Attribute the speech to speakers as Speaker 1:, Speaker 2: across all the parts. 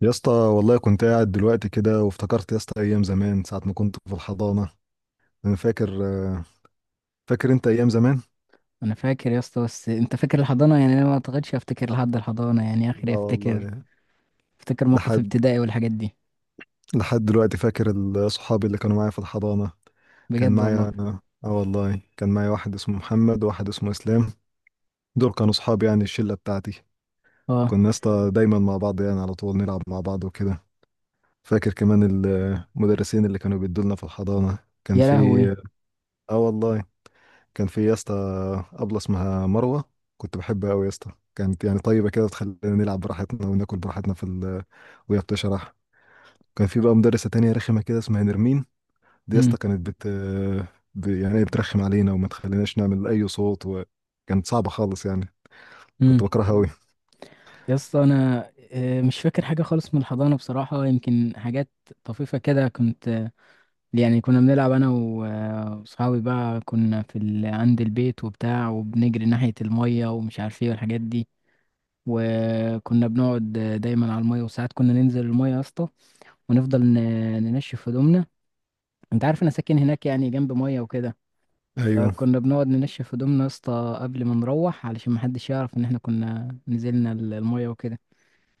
Speaker 1: يا اسطى والله كنت قاعد دلوقتي كده وافتكرت يا اسطى ايام زمان ساعه ما كنت في الحضانه. انا فاكر فاكر انت ايام زمان؟
Speaker 2: انا فاكر يا اسطى، بس انت فاكر الحضانه؟ يعني انا ما اعتقدش افتكر لحد الحضانه، يعني
Speaker 1: لا
Speaker 2: اخري افتكر
Speaker 1: والله.
Speaker 2: افتكر موقف
Speaker 1: لحد
Speaker 2: ابتدائي والحاجات دي.
Speaker 1: لحد دلوقتي فاكر صحابي اللي كانوا معايا في الحضانه. كان
Speaker 2: بجد والله.
Speaker 1: معايا اه والله كان معايا واحد اسمه محمد وواحد اسمه اسلام. دول كانوا صحابي، يعني الشله بتاعتي.
Speaker 2: اه،
Speaker 1: كنا يا اسطى دايما مع بعض، يعني على طول نلعب مع بعض وكده. فاكر كمان المدرسين اللي كانوا بيدولنا في الحضانه. كان
Speaker 2: يا
Speaker 1: في
Speaker 2: لهوي.
Speaker 1: اه والله، كان في يا اسطى أبلة اسمها مروة. كنت بحبها أوي يا اسطى، كانت يعني طيبة كده، تخلينا نلعب براحتنا وناكل براحتنا وهي بتشرح. كان في بقى مدرسة تانية رخمة كده اسمها نرمين. دي يا
Speaker 2: امم
Speaker 1: اسطى كانت يعني بترخم علينا وما تخليناش نعمل أي صوت، وكانت صعبة خالص يعني.
Speaker 2: امم
Speaker 1: كنت بكرهها أوي.
Speaker 2: يا اسطى، انا مش فاكر حاجه خالص من الحضانه بصراحه. يمكن حاجات طفيفه كده. كنت يعني كنا بنلعب انا واصحابي بقى، كنا في عند البيت وبتاع، وبنجري ناحيه الميه ومش عارف ايه والحاجات دي. وكنا بنقعد دايما على الميه، وساعات كنا ننزل الميه يا اسطى، ونفضل ننشف هدومنا. انت عارف انا ساكن هناك، يعني جنب ميه وكده.
Speaker 1: أيوه.
Speaker 2: فكنا بنقعد ننشف هدومنا يا اسطى قبل ما نروح، علشان محدش يعرف ان احنا كنا نزلنا الميه وكده.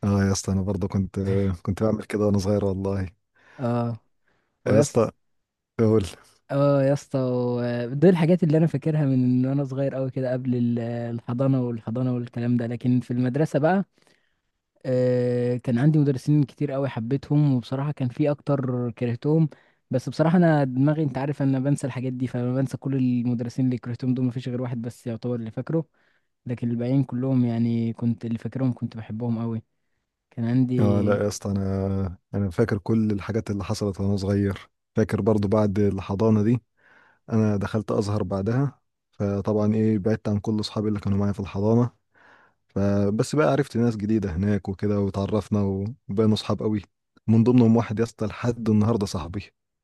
Speaker 1: اه يا اسطى، أنا برضه كنت بعمل كده وأنا صغير والله.
Speaker 2: اه.
Speaker 1: يا
Speaker 2: ويا اسطى،
Speaker 1: اسطى أقول.
Speaker 2: اه يا اسطى، دي الحاجات اللي انا فاكرها من ان انا صغير قوي كده، قبل الحضانه والحضانه والكلام ده. لكن في المدرسه بقى، كان عندي مدرسين كتير قوي حبيتهم، وبصراحة كان في اكتر كرهتهم. بس بصراحة انا دماغي، انت عارف انا بنسى الحاجات دي، فلما بنسى كل المدرسين اللي كرهتهم دول مفيش غير واحد بس يعتبر اللي فاكره. لكن الباقيين كلهم يعني، كنت اللي فاكرهم كنت بحبهم قوي. كان
Speaker 1: اه
Speaker 2: عندي.
Speaker 1: لا يا اسطى، أنا فاكر كل الحاجات اللي حصلت وأنا صغير. فاكر برضو بعد الحضانة دي انا دخلت ازهر بعدها. فطبعا بعدت عن كل اصحابي اللي كانوا معايا في الحضانه. فبس بقى عرفت ناس جديده هناك وكده، وتعرفنا وبقينا اصحاب قوي. من ضمنهم واحد يا اسطى، لحد النهارده صاحبي،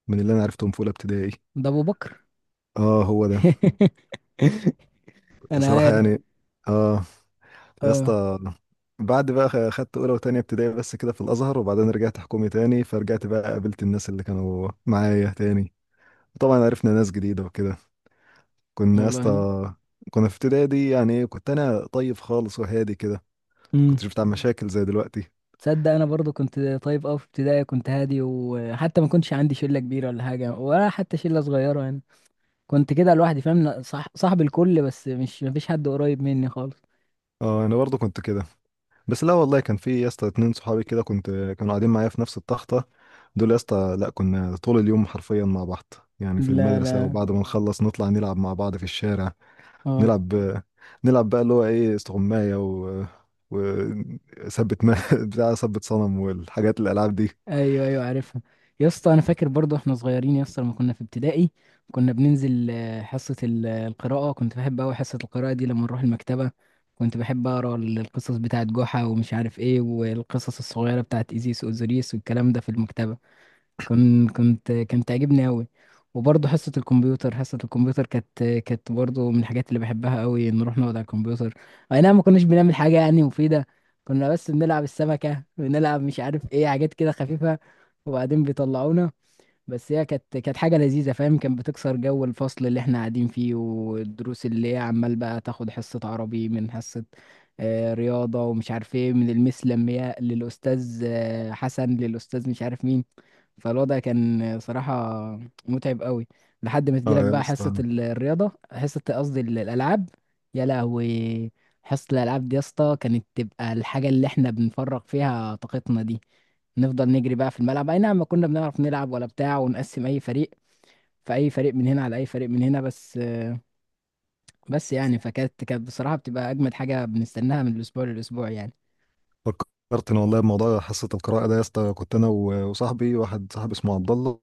Speaker 1: من اللي انا عرفتهم في اولى ابتدائي.
Speaker 2: ده ابو بكر.
Speaker 1: اه، هو ده.
Speaker 2: انا
Speaker 1: صراحه
Speaker 2: عارف.
Speaker 1: يعني. اه. يا
Speaker 2: اه
Speaker 1: اسطى، بعد بقى خدت اولى وتانية ابتدائي بس كده في الازهر، وبعدين رجعت حكومي تاني. فرجعت بقى قابلت الناس اللي كانوا معايا تاني. طبعا عرفنا ناس جديده وكده. كنا يا
Speaker 2: والله.
Speaker 1: اسطى كنا في ابتدائي دي يعني ايه كنت انا طيب خالص وهادي كده. كنت
Speaker 2: امم.
Speaker 1: شفت على مشاكل زي دلوقتي.
Speaker 2: تصدق انا برضو كنت طيب قوي في ابتدائي، كنت هادي، وحتى ما كنتش عندي شلة كبيرة ولا حاجة ولا حتى شلة صغيرة يعني. كنت كده لوحدي، فاهم؟ صح، صاحب الكل، بس مش، مفيش حد قريب مني خالص.
Speaker 1: اه، انا برضه كنت كده. بس لا والله، كان في يا اسطى 2 صحابي كده، كانوا قاعدين معايا في نفس التخته. دول يا اسطى لا كنا طول اليوم حرفيا مع بعض، يعني في
Speaker 2: لا
Speaker 1: المدرسه،
Speaker 2: لا.
Speaker 1: وبعد ما نخلص نطلع نلعب مع بعض في الشارع.
Speaker 2: اه.
Speaker 1: نلعب نلعب بقى اللي هو ايه استغمايه و وثبت ما بتاع ثبت صنم والحاجات الالعاب دي.
Speaker 2: ايوه، ايوه عارفها. يا اسطى انا فاكر برضه احنا صغيرين يا اسطى لما كنا في ابتدائي، كنا بننزل حصه القراءه. كنت بحب قوي حصه القراءه دي لما نروح المكتبه. كنت بحب اقرا القصص بتاعت جحا ومش عارف ايه، والقصص الصغيره بتاعت ايزيس واوزوريس والكلام ده في المكتبه. كنت كنت كانت تعجبني أوي. وبرضه حصة الكمبيوتر كانت برضه من الحاجات اللي بحبها أوي. نروح نقعد على الكمبيوتر، أي نعم ما كناش بنعمل حاجة يعني مفيدة. كنا بس بنلعب السمكة، بنلعب مش عارف ايه، حاجات كده خفيفة. وبعدين بيطلعونا. بس هي كانت حاجة لذيذة، فاهم؟ كانت بتكسر جو الفصل اللي احنا قاعدين فيه والدروس اللي هي عمال بقى تاخد حصة عربي من حصة رياضة، ومش عارف ايه، من المس لمياء للأستاذ حسن للأستاذ مش عارف مين. فالوضع كان صراحة متعب قوي، لحد ما
Speaker 1: اه
Speaker 2: تجيلك
Speaker 1: يا
Speaker 2: بقى حصة
Speaker 1: اسطى.
Speaker 2: الرياضة، حصة قصدي الألعاب. يا لهوي، حصة الألعاب دي يا اسطى كانت تبقى الحاجة اللي احنا بنفرغ فيها طاقتنا دي. نفضل نجري بقى في الملعب، أي نعم ما كنا بنعرف نلعب ولا بتاع، ونقسم أي فريق، فأي فريق من هنا على أي فريق من هنا بس. بس يعني كانت بصراحة بتبقى أجمد حاجة بنستناها من الأسبوع للأسبوع يعني.
Speaker 1: فكرت ان والله بموضوع حصه القراءه ده يا اسطى، كنت انا واحد صاحبي اسمه عبد الله.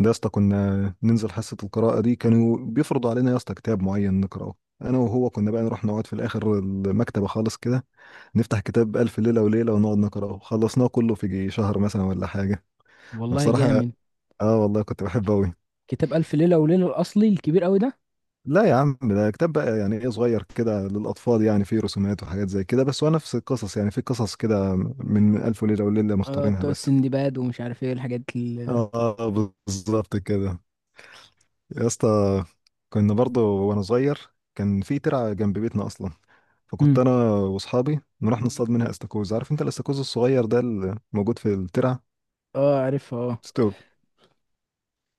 Speaker 1: ده يا اسطى كنا ننزل حصه القراءه دي. كانوا بيفرضوا علينا يا اسطى كتاب معين نقراه. انا وهو كنا بقى نروح نقعد في الاخر المكتبه خالص كده، نفتح كتاب الف ليله وليله ونقعد نقراه. خلصناه كله في جي شهر مثلا ولا حاجه.
Speaker 2: والله
Speaker 1: بصراحه،
Speaker 2: جامد.
Speaker 1: اه والله كنت بحبه قوي.
Speaker 2: كتاب ألف ليلة وليلة الأصلي الكبير قوي ده؟
Speaker 1: لا يا عم، ده كتاب بقى يعني ايه صغير كده للاطفال، يعني فيه رسومات وحاجات زي كده، بس هو نفس القصص، يعني في قصص كده من الف ليله وليله
Speaker 2: اه،
Speaker 1: مختارينها
Speaker 2: بتوع
Speaker 1: بس.
Speaker 2: السندباد ومش عارف ايه الحاجات ال
Speaker 1: اه، بالظبط كده. يا اسطى، كنا برضه وانا صغير، كان في ترعه جنب بيتنا اصلا.
Speaker 2: مم.
Speaker 1: فكنت انا واصحابي نروح نصطاد منها استاكوز. عارف انت الاستاكوز الصغير ده اللي موجود في الترعه.
Speaker 2: اه عارفها، اه.
Speaker 1: ستوب.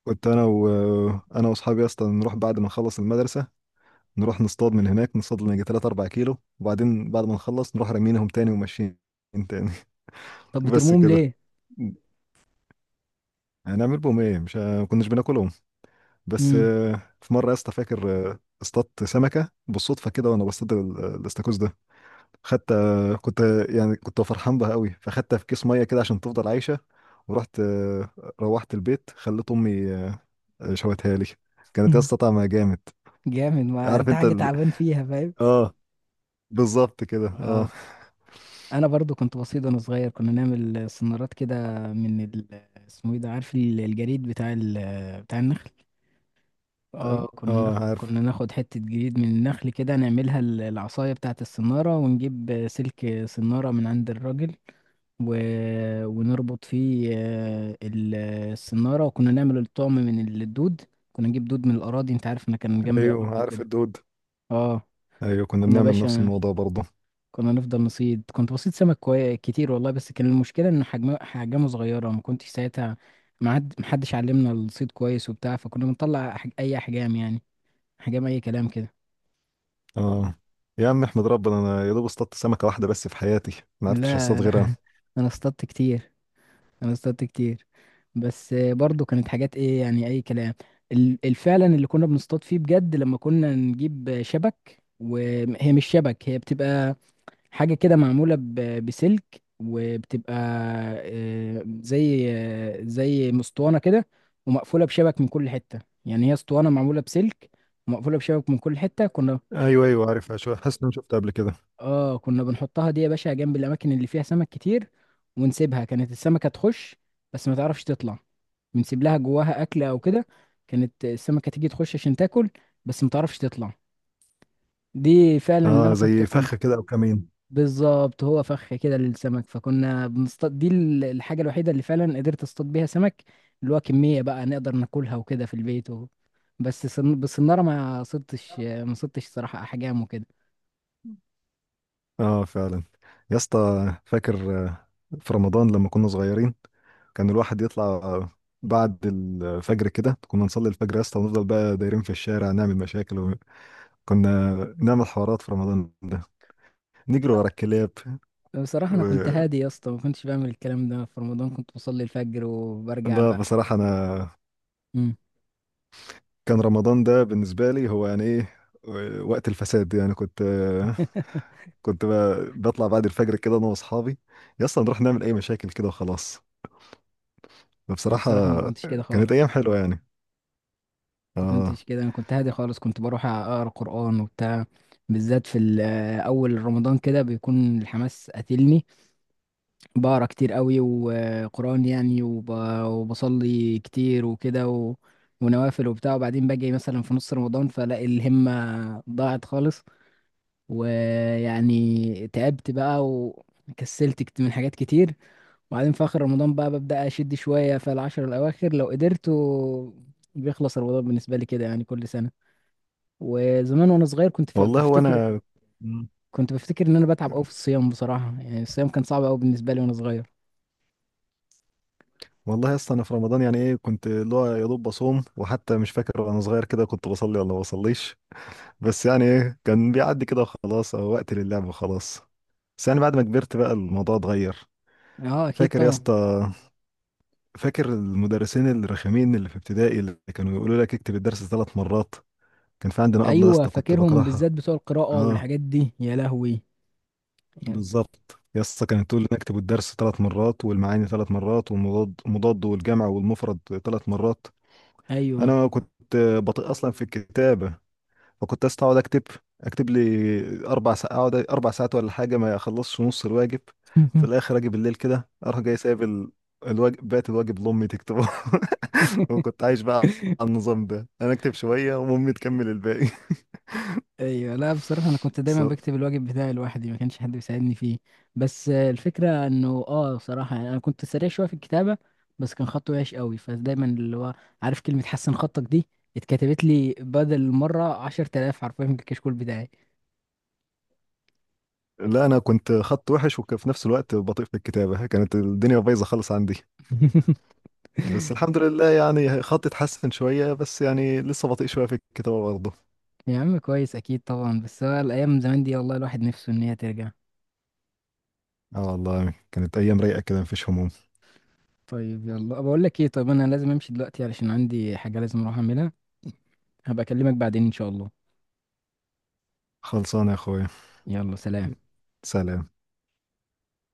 Speaker 1: كنت انا و... انا واصحابي اصلا نروح بعد ما نخلص المدرسه، نروح نصطاد من هناك. نصطاد لنا يجي 3 4 كيلو، وبعدين بعد ما نخلص نروح رامينهم تاني وماشيين تاني.
Speaker 2: طب
Speaker 1: بس
Speaker 2: بترموهم
Speaker 1: كده،
Speaker 2: ليه؟
Speaker 1: هنعمل بهم ايه؟ مش ه- ما كناش بناكلهم. بس
Speaker 2: مم.
Speaker 1: في مره يا اسطى، فاكر اصطدت سمكه بالصدفه كده وانا بصطاد الاستاكوز ده. خدت آه، كنت آه، يعني كنت فرحان بها قوي، فخدتها في كيس ميه كده عشان تفضل عايشه. ورحت آه، روحت البيت، خليت امي شوتها لي. كانت يا اسطى طعمها جامد.
Speaker 2: جامد، ما
Speaker 1: عارف
Speaker 2: انت
Speaker 1: انت
Speaker 2: حاجة
Speaker 1: ال...
Speaker 2: تعبان فيها، فاهم؟
Speaker 1: اه، بالظبط كده، اه.
Speaker 2: اه، انا برضو كنت بسيط وانا صغير. كنا نعمل سنارات كده من اسمه ايه ده، عارف الجريد بتاع بتاع النخل؟ اه،
Speaker 1: عارف.
Speaker 2: كنا ناخد حتة جريد من النخل كده، نعملها العصاية بتاعة السنارة، ونجيب سلك سنارة من عند الراجل و... ونربط فيه السنارة. وكنا نعمل الطعم من الدود، كنا نجيب دود من الأراضي. أنت عارف أنا كان جنبي
Speaker 1: ايوه،
Speaker 2: أراضي
Speaker 1: عارف
Speaker 2: وكده.
Speaker 1: الدود.
Speaker 2: أه.
Speaker 1: ايوه كنا
Speaker 2: كنا
Speaker 1: بنعمل نفس
Speaker 2: باشا
Speaker 1: الموضوع برضه.
Speaker 2: كنا نفضل نصيد، كنت بصيد سمك كتير والله، بس كان المشكلة إن حجمه صغيرة. ما كنتش ساعتها ما حد محدش علمنا الصيد كويس وبتاع، فكنا بنطلع أي أحجام يعني، أحجام أي كلام كده.
Speaker 1: اه، يا عم احمد ربنا، انا يا دوب اصطدت سمكه واحده بس في حياتي، ما عرفتش
Speaker 2: لا.
Speaker 1: اصطاد غيرها.
Speaker 2: أنا اصطدت كتير، انا اصطدت كتير. بس برضو كانت حاجات ايه يعني، اي كلام. الفعلا اللي كنا بنصطاد فيه بجد لما كنا نجيب شبك، وهي مش شبك، هي بتبقى حاجة كده معمولة بسلك، وبتبقى زي مسطوانة كده ومقفولة بشبك من كل حتة. يعني هي اسطوانة معمولة بسلك ومقفولة بشبك من كل حتة.
Speaker 1: ايوه، ايوه، عارفها شويه، حاسس ان انا شفتها قبل كده.
Speaker 2: كنا بنحطها دي يا باشا جنب الاماكن اللي فيها سمك كتير، ونسيبها. كانت السمكة تخش بس ما تعرفش تطلع. بنسيب لها جواها اكل او كده. كانت السمكة تيجي تخش عشان تاكل، بس ما تعرفش تطلع. دي فعلا اللي
Speaker 1: اه،
Speaker 2: انا
Speaker 1: زي
Speaker 2: كنت
Speaker 1: فخه كده او كمين.
Speaker 2: بالظبط. هو فخ كده للسمك، فكنا بنصطاد. دي الحاجة الوحيدة اللي فعلا قدرت اصطاد بيها سمك، اللي هو كمية بقى نقدر ناكلها وكده في البيت بس بالصنارة ما صدتش، ما صدتش صراحة احجام وكده.
Speaker 1: اه فعلا. يا اسطى، فاكر في رمضان لما كنا صغيرين، كان الواحد يطلع بعد الفجر كده. كنا نصلي الفجر يا اسطى ونفضل بقى دايرين في الشارع نعمل مشاكل، و... كنا نعمل حوارات في رمضان ده، نجري ورا الكلاب
Speaker 2: بصراحة أنا
Speaker 1: و...
Speaker 2: كنت هادي يا اسطى، ما كنتش بعمل الكلام ده في رمضان، كنت بصلي الفجر وبرجع
Speaker 1: لا،
Speaker 2: بقى.
Speaker 1: بصراحة أنا
Speaker 2: امم.
Speaker 1: كان رمضان ده بالنسبة لي هو يعني إيه، وقت الفساد. يعني كنت كنت بطلع بعد الفجر كده انا واصحابي يا اسطى، نروح نعمل اي مشاكل كده وخلاص.
Speaker 2: أنا
Speaker 1: فبصراحه
Speaker 2: بصراحة ما كنتش كده
Speaker 1: كانت ايام
Speaker 2: خالص.
Speaker 1: حلوه يعني.
Speaker 2: ما
Speaker 1: اه
Speaker 2: كنتش كده، أنا كنت هادي خالص. كنت بروح أقرأ قرآن وبتاع، بالذات في أول رمضان كده بيكون الحماس قاتلني. بقرأ كتير قوي وقرآن يعني وبصلي كتير وكده ونوافل وبتاع. وبعدين باجي مثلا في نص رمضان فلاقي الهمة ضاعت خالص. ويعني تعبت بقى وكسلت من حاجات كتير. وبعدين في آخر رمضان بقى ببدأ أشد شوية في العشر الأواخر لو قدرت بيخلص رمضان بالنسبة لي كده يعني كل سنة. وزمان وأنا صغير
Speaker 1: والله وانا. مم.
Speaker 2: كنت بفتكر إن أنا بتعب أوي في الصيام، بصراحة يعني الصيام كان صعب أوي بالنسبة لي وأنا صغير.
Speaker 1: والله يا اسطى، انا في رمضان يعني ايه كنت اللي هو يا دوب بصوم، وحتى مش فاكر وانا صغير كده كنت بصلي ولا ما بصليش. بس يعني ايه كان بيعدي كده وخلاص، او وقت للعب وخلاص. بس يعني بعد ما كبرت بقى الموضوع اتغير.
Speaker 2: أه أكيد
Speaker 1: فاكر يا
Speaker 2: طبعا.
Speaker 1: اسطى، فاكر المدرسين الرخمين اللي في ابتدائي اللي كانوا يقولوا لك اكتب الدرس 3 مرات. كان في عندنا أبلة يا
Speaker 2: أيوه
Speaker 1: اسطى كنت
Speaker 2: فاكرهم، بالذات
Speaker 1: بكرهها.
Speaker 2: بتوع القراءة
Speaker 1: اه،
Speaker 2: والحاجات دي، يا لهوي. يا-
Speaker 1: بالظبط يسطا، كانت تقول لي نكتب الدرس 3 مرات والمعاني 3 مرات والمضاد مضاد والجمع والمفرد 3 مرات.
Speaker 2: أيوه.
Speaker 1: انا كنت بطيء اصلا في الكتابه. فكنت أسطا اقعد اكتب، لي 4 ساعات اقعد 4 ساعات ولا حاجه، ما اخلصش نص الواجب. في الاخر اجي بالليل كده اروح جاي سايب الواجب، بقيت الواجب لامي تكتبه. وكنت عايش بقى على النظام ده، انا اكتب شويه وامي تكمل الباقي.
Speaker 2: ايوه. لا بصراحه انا كنت
Speaker 1: بس.
Speaker 2: دايما بكتب الواجب بتاعي لوحدي، ما كانش حد بيساعدني فيه. بس الفكره انه، بصراحه يعني انا كنت سريع شويه في الكتابه، بس كان خطي وحش قوي، فدايما اللي هو عارف كلمه حسن خطك دي، اتكتبت لي بدل مره 10000 حرفيا في الكشكول بتاعي.
Speaker 1: لا انا كنت خط وحش وفي نفس الوقت بطيء في الكتابه، كانت الدنيا بايظه خالص عندي. بس الحمد لله يعني خطي اتحسن شويه، بس يعني لسه بطيء شويه في الكتابه برضه.
Speaker 2: يا عم كويس، اكيد طبعا، بس هو الايام زمان دي والله الواحد نفسه ان هي ترجع.
Speaker 1: اه والله، كانت ايام رايقه كده، مفيش هموم.
Speaker 2: طيب يلا، بقول لك ايه، طيب انا لازم امشي دلوقتي علشان عندي حاجه لازم اروح اعملها. هبقى اكلمك بعدين ان شاء الله.
Speaker 1: خلصانه يا اخويا.
Speaker 2: يلا سلام.
Speaker 1: سلام.